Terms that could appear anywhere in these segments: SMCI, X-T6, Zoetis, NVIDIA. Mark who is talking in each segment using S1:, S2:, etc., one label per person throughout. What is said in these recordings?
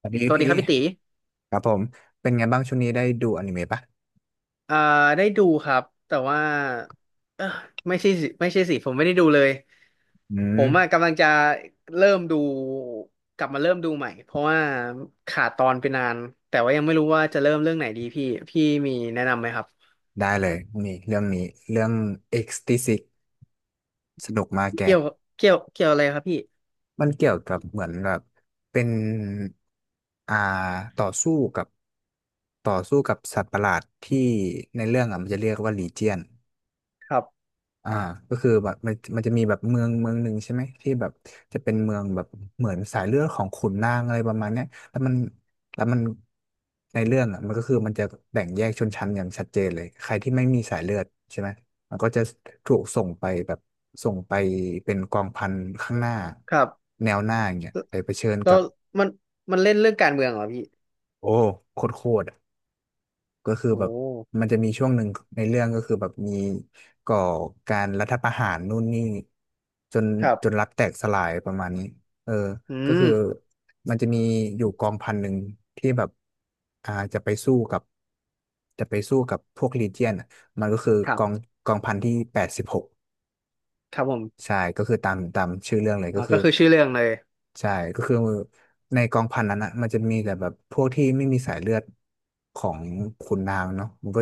S1: สวัสดี
S2: สวัสดี
S1: พี่
S2: ครับพี่ตี
S1: ครับผมเป็นไงบ้างช่วงนี้ได้ดูอนิเมะปะ
S2: เอ่อได้ดูครับแต่ว่าเออไม่ใช่สิผมไม่ได้ดูเลย
S1: อื
S2: ผมอะ
S1: ม
S2: กำลังจะเริ่มดูกลับมาเริ่มดูใหม่เพราะว่าขาดตอนไปนานแต่ว่ายังไม่รู้ว่าจะเริ่มเรื่องไหนดีพี่พี่มีแนะนำไหมครับ
S1: ได้เลยนี่เรื่องนี้เรื่อง X-T6 สนุกมากแก
S2: เกี่ยวเกี่ยวเกี่ยวอะไรครับพี่
S1: มันเกี่ยวกับเหมือนแบบเป็นอ่าต่อสู้กับสัตว์ประหลาดที่ในเรื่องอ่ะมันจะเรียกว่าลีเจียน
S2: ครับ
S1: อ่าก็คือแบบมันจะมีแบบเมืองหนึ่งใช่ไหมที่แบบจะเป็นเมืองแบบเหมือนสายเลือดของขุนนางอะไรประมาณเนี้ยแล้วมันแล้วมันในเรื่องอ่ะมันก็คือมันจะแบ่งแยกชนชั้นอย่างชัดเจนเลยใครที่ไม่มีสายเลือดใช่ไหมมันก็จะถูกส่งไปแบบส่งไปเป็นกองพันข้างหน้า
S2: ครับ
S1: แนวหน้าอย่างเงี้ย
S2: แล้ว
S1: ไปเผชิญกับ
S2: มันมันเล่นเรื่องการเมืองเหรอพี่
S1: โอ้โคตร ก็คือ
S2: โอ้
S1: แบบมันจะมีช่วงหนึ่งในเรื่องก็คือแบบมีก่อการรัฐประหารนู่นนี่จน
S2: ครับ
S1: รัฐแตกสลายประมาณนี้เออ
S2: อื
S1: ก็
S2: ม
S1: คือมันจะมีอยู่กองพันหนึ่งที่แบบจะไปสู้กับพวกลีเจียนมันก็คือ
S2: ครับ
S1: กองพันที่แปดสิบหก
S2: ครับผม
S1: ใช่ก็คือตามชื่อเรื่องเลย
S2: อ๋
S1: ก็
S2: อ
S1: คือ
S2: ก็คือชื่อเรื่องเลย
S1: ใช่ก็คือในกองพันนั้นอ่ะมันจะมีแต่แบบพวกที่ไม่มีสายเลือดของขุนนางเนาะมันก็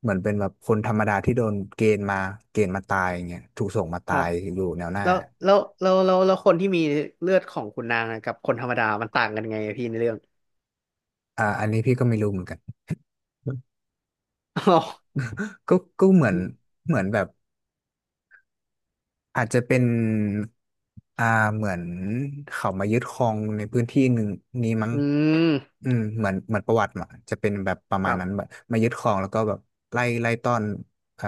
S1: เหมือนเป็นแบบคนธรรมดาที่โดนเกณฑ์มาตายอย่างเงี้ยถูกส่งมา
S2: ค
S1: ตา
S2: รับ
S1: ยอยู่แนวหน้า
S2: แล้วแล้วคนที่มีเลือดของขุนนางอะกับคนธรรมดามันต่างกันไงอะพี่ในเรื่อง
S1: อันนี้พี่ก็ไม่รู้เหมือนกัน
S2: อ๋อ
S1: ก็เหมือน แบบ อาจจะเป็นอ่าเหมือนเขามายึดครองในพื้นที่หนึ่งนี้มั้ง
S2: อืม
S1: อืมเหมือนประวัติมาจะเป็นแบบประ
S2: ค
S1: มาณ
S2: รั
S1: นั้น
S2: บ
S1: แบบมายึดครองแล้วก็แบบไล่ต้อนอ่า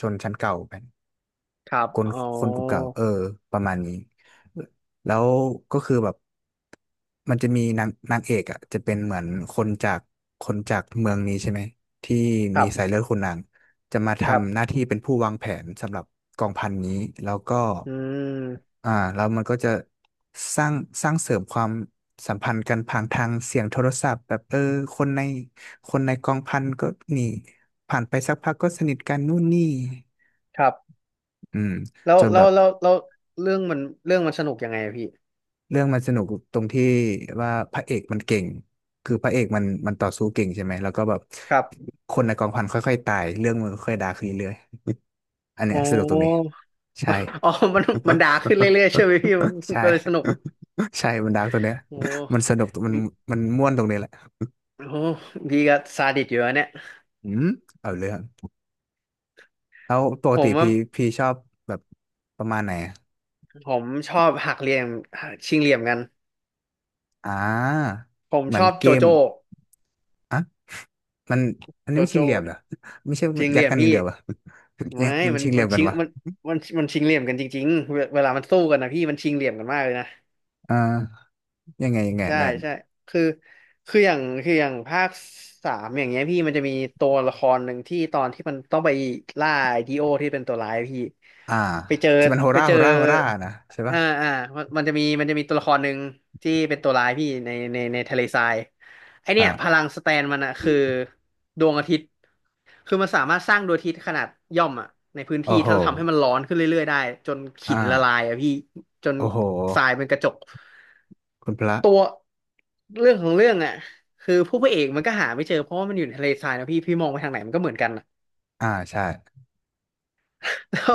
S1: ชนชั้นเก่าไป
S2: ครับ
S1: คน
S2: อ๋อ
S1: คนกลุ่มเก่าเออประมาณนี้แล้วก็คือแบบมันจะมีนางเอกอ่ะจะเป็นเหมือนคนจากคนจากเมืองนี้ใช่ไหมที่
S2: ค
S1: มี
S2: รั
S1: สาย
S2: บ
S1: เลือดขุนนางจะมา
S2: ครับ
S1: ทำหน้าที่เป็นผู้วางแผนสำหรับกองพันนี้แล้วก็
S2: อืม
S1: แล้วมันก็จะสร้างเสริมความสัมพันธ์กันผ่านทางเสียงโทรศัพท์แบบเออคนในคนในกองพันก็นีผ่านไปสักพักก็สนิทกันนู่นนี่
S2: ครับ
S1: อืม
S2: แล้ว
S1: จน
S2: แล้
S1: แบ
S2: ว
S1: บ
S2: แล้วแล้วเรื่องมันเรื่องมันสนุกยังไงอะพี่
S1: เรื่องมันสนุกตรงที่ว่าพระเอกมันเก่งคือพระเอกมันต่อสู้เก่งใช่ไหมแล้วก็แบบ
S2: ครับ
S1: คนในกองพันค่อยๆตายเรื่องมันค่อยๆดาร์กขึ้นเรื่อยๆอันเนี้
S2: อ๋อ
S1: ยสนุกตรงนี้ใช่
S2: มัน อ๋อมันมันด่าขึ้นเรื่อยๆใช่ไหมพี่มัน
S1: ใช่
S2: ก็เลยสนุก
S1: ใช่มันดาร์กตรงเนี้ย
S2: โอ้
S1: มันสนุก
S2: อุ
S1: มันม่วนตรงนี้แหละ
S2: โอ้พี่ก็ซาดิสอยู่นะเนี่ย
S1: อืมเอาเลยครับแล้วปก
S2: ผ
S1: ติ
S2: มว่า
S1: พี่ชอบแบบประมาณไหนอะ
S2: ผมชอบหักเหลี่ยมหักชิงเหลี่ยมกัน
S1: อ่า
S2: ผม
S1: เหมื
S2: ช
S1: อน
S2: อบ
S1: เก
S2: โจ
S1: ม
S2: โจ้
S1: อ่ะมันอัน
S2: โจ
S1: นี้มันชิง
S2: โจ้
S1: เหลี่ยมเหรอไม่ใช่
S2: ชิงเห
S1: ยัด
S2: ลี่ยม
S1: กันอย่าง
S2: พี่
S1: เดียวเหยั
S2: ไม่
S1: งมัน
S2: มัน
S1: ชิงเห
S2: มั
S1: ลี่ย
S2: น
S1: มกั
S2: ชิ
S1: น
S2: ง
S1: วะ
S2: มันมันชิงเหลี่ยมกันจริงๆเวลามันสู้กันนะพี่มันชิงเหลี่ยมกันมากเลยนะ
S1: อ่ายังไง
S2: ใช่
S1: นะ
S2: ใช่คือคืออย่างภาคสามอย่างเงี้ยพี่มันจะมีตัวละครหนึ่งที่ตอนที่มันต้องไปล่าไอดีโอที่เป็นตัวร้ายพี่
S1: อ่า
S2: ไปเจอ
S1: ที่มันโฮ
S2: ไป
S1: รา
S2: เจอ
S1: โฮรานะใช่ปะ
S2: อ่าอ่ามันจะมีตัวละครหนึ่งที่เป็นตัวร้ายพี่ในทะเลทรายไอเนี่
S1: อ่า
S2: ยพลังสแตนมันอะคือดวงอาทิตย์คือมันสามารถสร้างดวงอาทิตย์ขนาดย่อมอะในพื้น
S1: โอ้
S2: ที่
S1: โห
S2: ถ้าทำให้มันร้อนขึ้นเรื่อยๆได้จนขิ
S1: อ่า
S2: นละลายอะพี่ จน
S1: โอ้โห
S2: ทรายเป็นกระจก
S1: คุณพระ
S2: ตัวเรื่องของเรื่องอ่ะคือผู้พระเอกมันก็หาไม่เจอเพราะว่ามันอยู่ในทะเลทรายนะพี่พี่มองไปทางไหนมันก็เหมือนกันอะ
S1: อ่าใช่
S2: แล้ว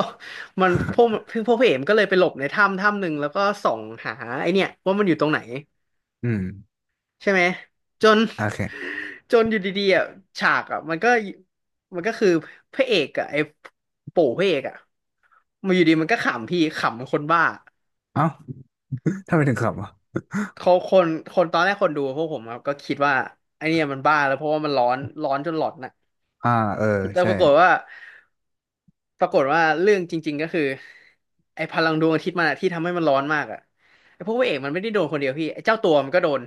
S2: มันพวกพี่พวกพระเอกมันก็เลยไปหลบในถ้ำถ้ำหนึ่งแล้วก็ส่องหาไอเนี่ยว่ามันอยู่ตรงไหน
S1: อืม
S2: ใช่ไหมจน
S1: โอเค
S2: จนอยู่ดีๆอ่ะฉากอ่ะมันก็มันก็คือพระเอกอ่ะไอ้ปู่พระเอกอ่ะมาอยู่ดีมันก็ขำพี่ขำคนบ้า
S1: เอ้า ทำไมถึงขับอ่ะ
S2: เขาคนตอนแรกคนดูพวกผมครับก็คิดว่าไอเนี่ยมันบ้าแล้วเพราะว่ามันร้อนจนหลอดน่ะ
S1: อ่าเออ
S2: แต่
S1: ใช่
S2: ปรากฏว่าเรื่องจริงๆก็คือไอพลังดวงอาทิตย์มันอะที่ทำให้มันร้อนมากอะไอพวกพระเอกมันไม่ได้โดนคนเดียวพี่ไอเจ้าตัวมันก็โดน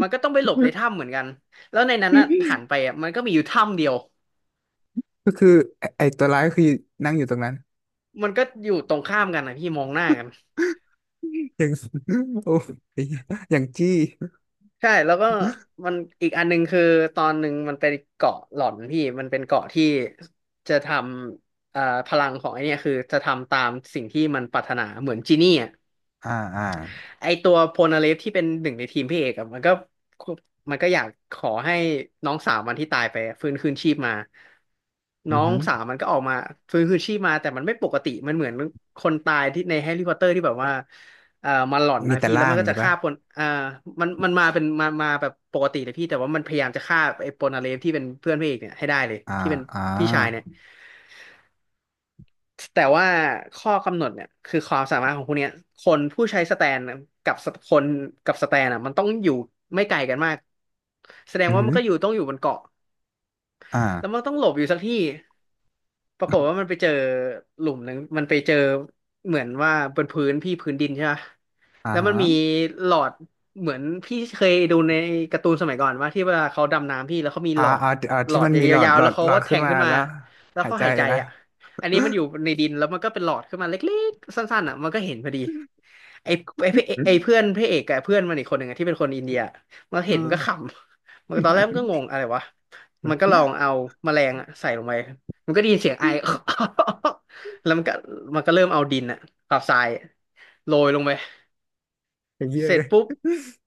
S2: มันก็ต้องไปหลบในถ้ำเหมือนกันแล้วในนั้นน่ะหันไปอะมันก็มีอยู่ถ้ำเดียว
S1: ก็คือไอ้ตัวร้ายคือนั่งอยู่ตรงนั้น
S2: มันก็อยู่ตรงข้ามกันนะพี่มองหน้ากัน
S1: อย่าง โอ้ยอย่างจี้
S2: ใช่แล้วก็มันอีกอันหนึ่งคือตอนหนึ่งมันเป็นเกาะหลอนพี่มันเป็นเกาะที่จะทำพลังของไอเนี่ยคือจะทำตามสิ่งที่มันปรารถนาเหมือนจีนี่อะ
S1: อ่าอ่า
S2: ไอตัวโพนาเลฟที่เป็นหนึ่งในทีมพี่เอกอะมันก็อยากขอให้น้องสาวมันที่ตายไปฟื้นคืนชีพมา
S1: อื
S2: น้อ
S1: อ
S2: ง
S1: หือ
S2: สาวมันก็ออกมาฟื้นคืนชีพมาแต่มันไม่ปกติมันเหมือนคนตายที่ในแฮร์รี่พอตเตอร์ที่แบบว่ามันหลอน
S1: มี
S2: นะ
S1: แต่
S2: พี่แล้
S1: ล่า
S2: วมั
S1: ง
S2: นก็
S1: ไง
S2: จะ
S1: ปะ
S2: ฆ่าคนอ่ามันมาแบบปกติเลยพี่แต่ว่ามันพยายามจะฆ่าไอ้โพนาเลฟที่เป็นเพื่อนพี่เอกเนี่ยให้ได้เลย
S1: อ่า
S2: ที่เป็น
S1: อ่า
S2: พี่ชายเนี่ย แต่ว่าข้อกำหนดเนี่ยคือความสามารถของพวกเนี้ยคนผู้ใช้สแตนกับสคนกับสแตนอ่ะมันต้องอยู่ไม่ไกลกันมากแสดง
S1: อือ
S2: ว่า
S1: หื
S2: มัน
S1: อ
S2: ก็อยู่ต้องอยู่บนเกาะ
S1: อ่า
S2: แล้วมันต้องหลบอยู่สักที่ ปรากฏว่ามันไปเจอหลุมหนึ่งมันไปเจอเหมือนว่าบนพื้นพี่พื้นดินใช่ปะ
S1: อ่า
S2: แล้วมั
S1: ฮะ
S2: นมีหลอดเหมือนพี่เคยดูในการ์ตูนสมัยก่อนว่าที่เวลาเขาดำน้ำพี่แล้วเขามี
S1: อ่า
S2: หลอด
S1: อ่า
S2: หล
S1: ที่
S2: อด
S1: มันมีหลอด
S2: ยาวๆแล้วเขา
S1: หลอ
S2: ก็
S1: ด
S2: แท
S1: ขึ้น
S2: ง
S1: มา
S2: ขึ้นมา
S1: แล้ว
S2: แล้ว
S1: หาย
S2: เขา
S1: ใจ
S2: หายใจ
S1: นะ
S2: อ่ะอันนี้มันอยู่ในดินแล้วมันก็เป็นหลอดขึ้นมาเล็กๆสั้นๆอ่ะมันก็เห็นพอดีไอ้ไอ้พระเอ
S1: อื
S2: ไอ้
S1: ม
S2: เพื่อนพระเอกกับเพื่อนมันอีกคนหนึ่งอะที่เป็นคนอินเดียมันเห็นมันก็ข
S1: อ่า
S2: ำมันตอนแรกมันก็งงอะไรวะมันก็ลองเอาแมลงอะใส่ลงไป มันก็ได้ยินเสียงไอ แล้วมันก็เริ่มเอาดินอะกับทรายอะโรยลงไป
S1: อย่างเงี้ย
S2: เสร็
S1: เล
S2: จ
S1: ย
S2: ปุ๊บ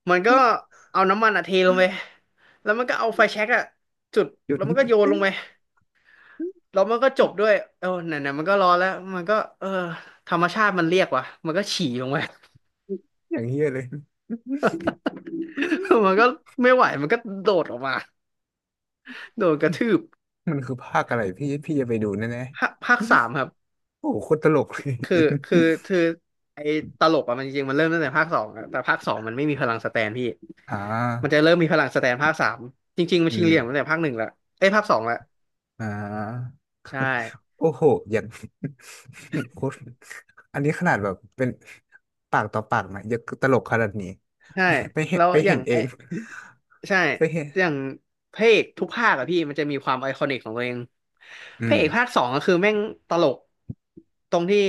S2: มันก็เอาน้ำมันอะเทลงไปแล้วมันก็เอาไฟแช็กอะจุด
S1: หยุ
S2: แล้วมันก็โยน
S1: ด
S2: ลงไปแล้วมันก็จบด้วยเออไหนๆมันก็ร้อนแล้วมันก็เออธรรมชาติมันเรียกว่ะมันก็ฉี่ลงไป
S1: อย่างเงี้ยเลย
S2: มันก็ไม่ไหวมันก็โดดออกมาโดนกระทืบ
S1: มันคือภาคอะไรพี่จะไปดูแน่
S2: ภาคสามครับ
S1: ๆโอ้โหโคตรตลกเลย
S2: คือคือคือไอ้ตลกอะมันจริงๆมันเริ่มตั้งแต่ภาคสองอะแต่ภาคสองมันไม่มีพลังสแตนพี่
S1: อ่
S2: มัน
S1: า
S2: จะเริ่มมีพลังสแตนภาคสามจริงๆมัน
S1: อื
S2: ชิง
S1: ม
S2: เหลี่ยมตั้งแต่ภาคหนึ่งละเอ้ยภาคสองละ
S1: อ่า
S2: ใช่
S1: โอ้โหอย่าง โคตรอันนี้ขนาดแบบเป็นปากต่อปากนะยังตลกขนาดนี้
S2: ใช่
S1: ไป
S2: แล้ว
S1: ไป
S2: อ
S1: เห็
S2: ย่า
S1: น
S2: ง
S1: เอ
S2: ไอ
S1: ง
S2: ใช่
S1: ไปเห็น
S2: อย่างพระเอกทุกภาคอะพี่มันจะมีความไอคอนิกของตัวเอง
S1: อื
S2: พระ
S1: ม
S2: เอกภาคสองก็คือแม่งตลกตรงที่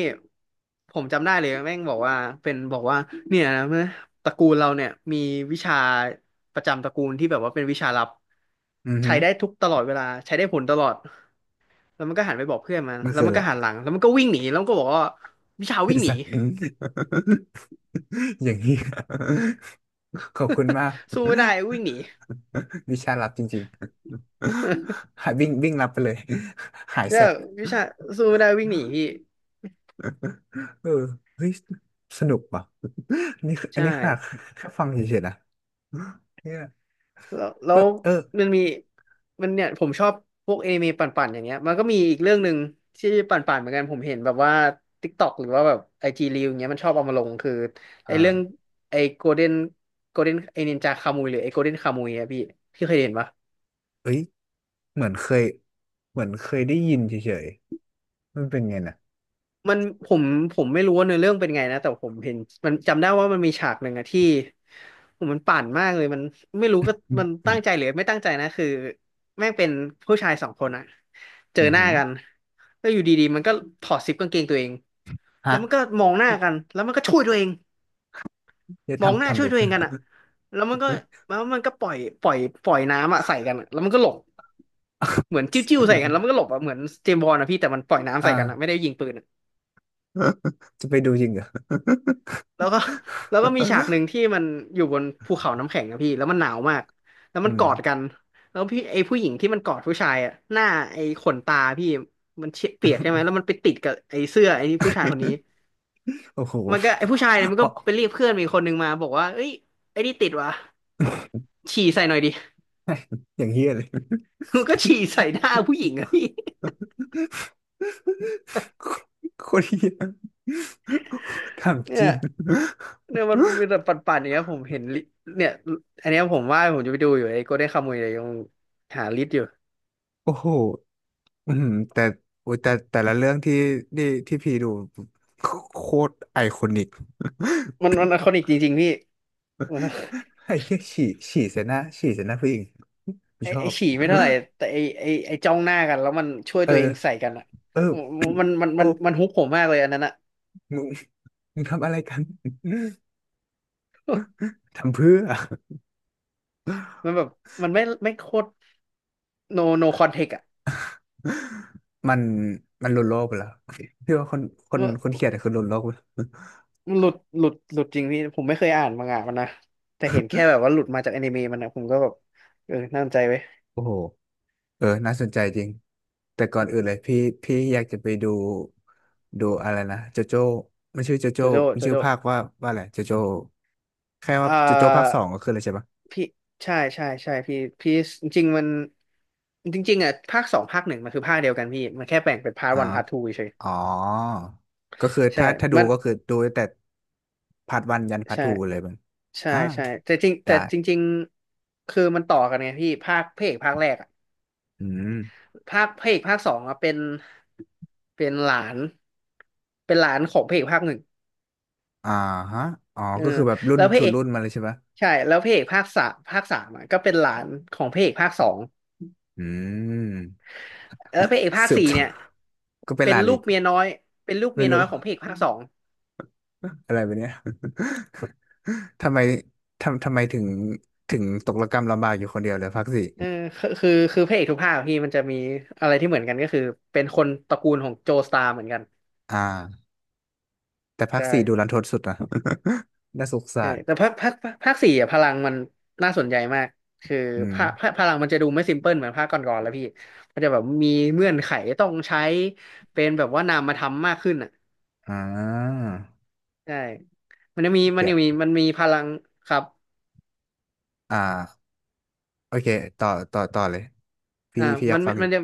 S2: ผมจำได้เลยแม่งบอกว่าเป็นบอกว่าเนี่ยนะตระกูลเราเนี่ยมีวิชาประจำตระกูลที่แบบว่าเป็นวิชาลับ
S1: อือหื
S2: ใช้
S1: อ
S2: ได้ทุกตลอดเวลาใช้ได้ผลตลอด แล้วมันก็หันไปบอกเพื่อนมัน
S1: มัน
S2: แล้ว
S1: คือ
S2: มั
S1: อะ
S2: น
S1: ไร
S2: ก็ หันหลังแล้วมันก็วิ่งหนีแล้วมันก็บอกว่าวิชา
S1: ไอ้
S2: วิ่งหนี
S1: สัตว์ อย่างนี้ ขอบคุณมาก
S2: สู้ไม่ได้วิ่งหนี
S1: วิชาลับจริงๆ หายวิ่งวิ่งลับไปเลย หาย
S2: เน้่
S1: แส
S2: ย
S1: บ
S2: วิชาสู้ไม่ได้วิ่งหนีพี่
S1: เออเฮ้ย สนุกว่ะนี่คืออั
S2: ใช่
S1: นนี้ขนาดแค่ฟังเฉยๆนะ เนี่ย
S2: แล้วแล้
S1: ก็
S2: ว
S1: เออ
S2: มันมีมันเนี่ยผมชอบพวกเอนิเมะปั่นๆอย่างเงี้ยมันก็มีอีกเรื่องหนึ่งที่ปั่นๆเหมือนกันผมเห็นแบบว่า TikTok หรือว่าแบบไอจีรีวอย่างเงี้ยมันชอบเอามาลงคือ
S1: อ
S2: ไอเรื่อง
S1: ่า
S2: ไอโกลเด้นโกลเด้นไอนินจาคามุยหรือไอโกลเด้นคามุยอะพี่พี่เคยเห็นปะ
S1: เอ้ย เหมือนเคยได้ยินเฉยๆมันเป็นไงนะ
S2: มันผมผมไม่รู้ว่าเนื้อเรื่องเป็นไงนะแต่ผมเห็นมันจำได้ว่ามันมีฉากหนึ่งอะที่ผมมันปั่นมากเลยมันไม่รู้ก็
S1: อืม
S2: มัน
S1: อื
S2: ตั้
S1: ม
S2: งใจหรือไม่ตั้งใจนะคือแม่งเป็นผู้ชายสองคนอะเจอ
S1: อือ
S2: หน้า
S1: หือ
S2: กันแล้วอยู่ดีๆมันก็ถอดซิปกางเกงตัวเองแล้
S1: ฮะ
S2: วมันก็มองหน้ากันแล้วมันก็ช่วยตัวเอง
S1: จะ
S2: มองห
S1: ทำ
S2: น้า
S1: ทำ
S2: ช่
S1: ไป
S2: วยตัวเอ
S1: เพื่อ
S2: งกันอะแล้วมันก็แล้วมันก็ปล่อยปล่อยน้ำอะใส่กันอะแล้วมันก็หลบเหมือนจิ้วๆใส่กันแล้วมันก็ หลบอะเหมือนเจมส์บอนด์อะพี่แต่มันปล่อยน้ำใส่กันอะไม่
S1: อ่า
S2: ได้ยิงปืนอะ
S1: จะไปดูจริงเหรอ
S2: แล้วก็ แล้วก็มีฉากหนึ่งที่มันอยู่บนภูเขาน้ำแข็งอะพี่แล้วมันหนาวมากแล้ว
S1: อื
S2: มันก
S1: ม
S2: อดกันแล้วพี่ไอ้ผู้หญิงที่มันกอดผู้ชายอะหน้าไอ้ขนตาพี่มันเชเปียกใช่ไหมแล้วมันไปติดกับไอ้เสื้อไอ้นี่ผู้ชายคนนี้
S1: โอ้โห
S2: มันก็ไอ้ผู้
S1: เ
S2: ชายเนี่ยมัน
S1: เอา
S2: ก็ไปเรียกเพื่อนมีคนหนึ่งมาบอกว่าเอ้ยไอ้นี่ติดวะฉี่ใส่หน่อยดิ
S1: อย่างเฮี้ยเลย
S2: มันก็ฉี่ใส่หน้าผู้หญิงอะพี่
S1: โคตรเฮี้ย ทำ
S2: เนี่
S1: จ
S2: ย
S1: ริง
S2: เนี่ยมันมีแต่ปั่นๆอย่างเงี้ยผมเห็นลิเนี่ยอันเนี้ยผมว่าผมจะไปดูอยู่ไอ้โกลเด้นคามุยเลยยังหาลิสต์อยู่
S1: โอ้โหอืมแต่โอ้ยแต่แต่ละเรื่องที่ที่พี่ดูโคตรไอคอนิก
S2: มันไอคอนิกจริงๆพี่
S1: ไอ้เหี้ยฉี่เสียหน้าผู้หญิงไม
S2: ไอ้
S1: ชอ
S2: ไอ้
S1: บ
S2: ฉี่ไม่เท่าไหร่แต่ไอ้จ้องหน้ากันแล้วมันช่วย
S1: เออ
S2: ตัวเองใส่กันอ่ะ
S1: เออ
S2: มันมัน
S1: โอ้
S2: มันมันฮุกผมมากเลยอันนั้นอ่ะ
S1: มึงทำอะไรกัน ทำเพื่อ
S2: มันแบบมันไม่โคตร no no context อ่ะ
S1: มันมันหลุดโลกไปแล้วพี่ว่าคน
S2: ว่า
S1: คนเขียนอะคือหลุดโลกไป แล้ว
S2: มันหลุดจริงพี่ผมไม่เคยอ่านมังงะมันนะแต่เห็นแค่แบบว่าหลุดมาจากอนิเมะมันนะผมก็แบบเออน่าสนใจไว้ย
S1: โอ้โหเออน่าสนใจจริงแต่ก่อนอื่นเลยพี่อยากจะไปดูอะไรนะโจโจ้มันชื่อโจ
S2: โจ
S1: โจ้
S2: โจ้
S1: มัน
S2: โจ
S1: ชื่อ
S2: โจ้
S1: ภาคว่าอะไรโจโจ้แค่
S2: อ่
S1: ว่าโจโจ้ภาคส
S2: า
S1: องก็คืออะไรใช่ปะ
S2: พี่ใช่พี่จริงๆมันจริงๆอ่ะภาคสองภาคหนึ่งมันคือภาคเดียวกันพี่มันแค่แบ่งเป็นพาร์ท
S1: อ่า
S2: วันพาร์ททูเฉย
S1: อ๋อ ก็คือ
S2: ๆใช่
S1: ถ้าดู
S2: มัน
S1: ก็คือดูตั้งแต่พาร์ทวันยันพาร์ท
S2: ใช่
S1: ทูเลยมัน
S2: ใช่
S1: อ่า
S2: ใช่แต่จริงแต่
S1: ได้
S2: จริงๆคือมันต่อกันไงพี่ภาคพระเอกภาคแรกอะ
S1: อืม
S2: ภาคพระเอกภาคสองอะเป็นหลานเป็นหลานของพระเอกภาคหนึ่ง
S1: อ่าฮะอ๋อ
S2: เออ
S1: ก็คือแบบรุ่น
S2: แล้วพระ
S1: สู่
S2: เอก
S1: รุ่นมาเลยใช่ปะ
S2: ใช่แล้วพระเอกภาคสามอะก็เป็นหลานของพระเอกภาคสอง
S1: อืม
S2: แล้วพระเอกภาค
S1: สืบ
S2: สี่เนี่ย
S1: ก็เป็น
S2: เป็
S1: ห
S2: น
S1: ลาน
S2: ลู
S1: อี
S2: ก
S1: ก
S2: เมียน้อยเป็นลูกเมี
S1: ไม่
S2: ยน้อ
S1: รู้
S2: ยของพระเอกภาคสอง
S1: อะไรแบบเนี้ย ทำไมทำไมถึงตกระกำลำบากอยู่คนเดียวเลยภาคสี่
S2: เออคือพระเอกทุกภาคอะพี่มันจะมีอะไรที่เหมือนกันก็คือเป็นคนตระกูลของโจสตาร์เหมือนกัน
S1: อ่าแต่ภาค
S2: ใช่
S1: สี่ดูรันทดสุดนะ น่าสง
S2: ใช่
S1: สาร
S2: แต่ภาคภาคภาคภาคสี่อะพลังมันน่าสนใจมากคือ
S1: อืม
S2: ภาคพลังมันจะดูไม่ซิมเพิลเหมือนภาคก่อนๆแล้วพี่มันจะแบบมีเงื่อนไขต้องใช้เป็นแบบว่านามธรรมมากขึ้นอ่ะ
S1: อ่า
S2: ใช่มันจะมีมัน
S1: เดี๋ย
S2: จะ
S1: ว
S2: มีมันมีพลังครับ
S1: อ่า โอเคต่อต่อเลยพี่
S2: อ่า
S1: อ
S2: มั
S1: ยาก
S2: น
S1: ฟังอ
S2: มั
S1: ยู่
S2: นจะ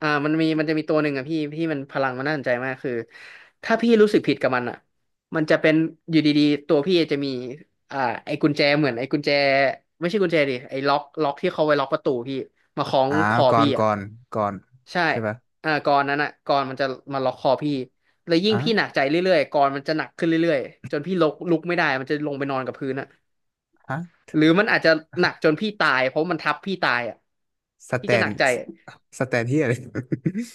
S2: มันมีมันจะมีตัวหนึ่งอ่ะพี่ที่มันพลังมันน่าสนใจมากคือถ้าพี่รู้สึกผิดกับมันอ่ะมันจะเป็นอยู่ดีๆตัวพี่จะมีอ่าไอ้กุญแจเหมือนไอ้กุญแจไม่ใช่กุญแจดิไอ้ล็อกที่เขาไว้ล็อกประตูพี่มาคล้อง
S1: อ่า
S2: คอ
S1: ก่อน
S2: พี่อ่ะ
S1: ก่อน
S2: ใช่
S1: ใช่ปะ
S2: อ่ากรอนนั้นอ่ะกรอนมันจะมาล็อกคอพี่แล้วยิ่ง
S1: อ่ะ
S2: พี่หนักใจเรื่อยๆกรอนมันจะหนักขึ้นเรื่อยๆจนพี่ลุกไม่ได้มันจะลงไปนอนกับพื้นอ่ะ
S1: ฮะ
S2: หรือมันอาจจะหนักจนพี่ตายเพราะมันทับพี่ตายอ่ะ
S1: สแต
S2: พี่จะห
S1: น
S2: นักใจ
S1: สสแตนที่อะไร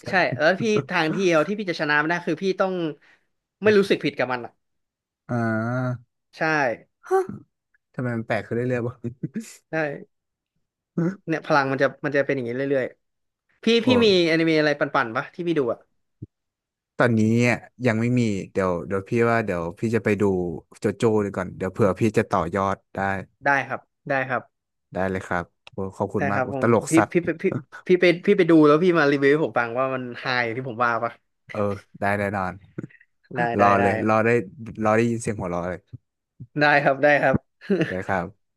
S2: ใช่แล้วพี่ทาง เดียวที่พี่จะชนะมันได้คือพี่ต้องไม่รู้สึกผิดกับมันอ่ะ
S1: อ่า
S2: ใช่
S1: ฮะทำไมมันแปลกขึ้นเรื่อยๆวะ
S2: ใช่เนี่ ยพลังมันจะจะเป็นอย่างนี้เรื่อยๆพี่พี่
S1: โอ้
S2: มีอนิเมะอะไรปั่นๆปะที่พี่ดูอ่ะ
S1: ตอนนี้อ่ะยังไม่มีเดี๋ยวพี่ว่าเดี๋ยวพี่จะไปดูโจโจ้ดีก่อนเดี๋ยวเผื่อพี่จะต่อยอดได้
S2: ได้ครับได้ครับ
S1: ได้เลยครับโอ้ขอบคุณ
S2: ได้
S1: มา
S2: ค
S1: ก
S2: รับ
S1: โอ้
S2: ผ
S1: ต
S2: ม
S1: ลกสัตว์
S2: พี่ไปดูแล้วพี่มารีวิวให้ผมฟังว่ามันไฮอย่างที่ผมว่าปะ
S1: เออได้แน่นอน
S2: ได้
S1: ร
S2: ได้
S1: อเล
S2: ได้
S1: ยรอได้รอได้ยินเสียงหัวเราะเลย
S2: ได้ครับ
S1: ได้ค รับ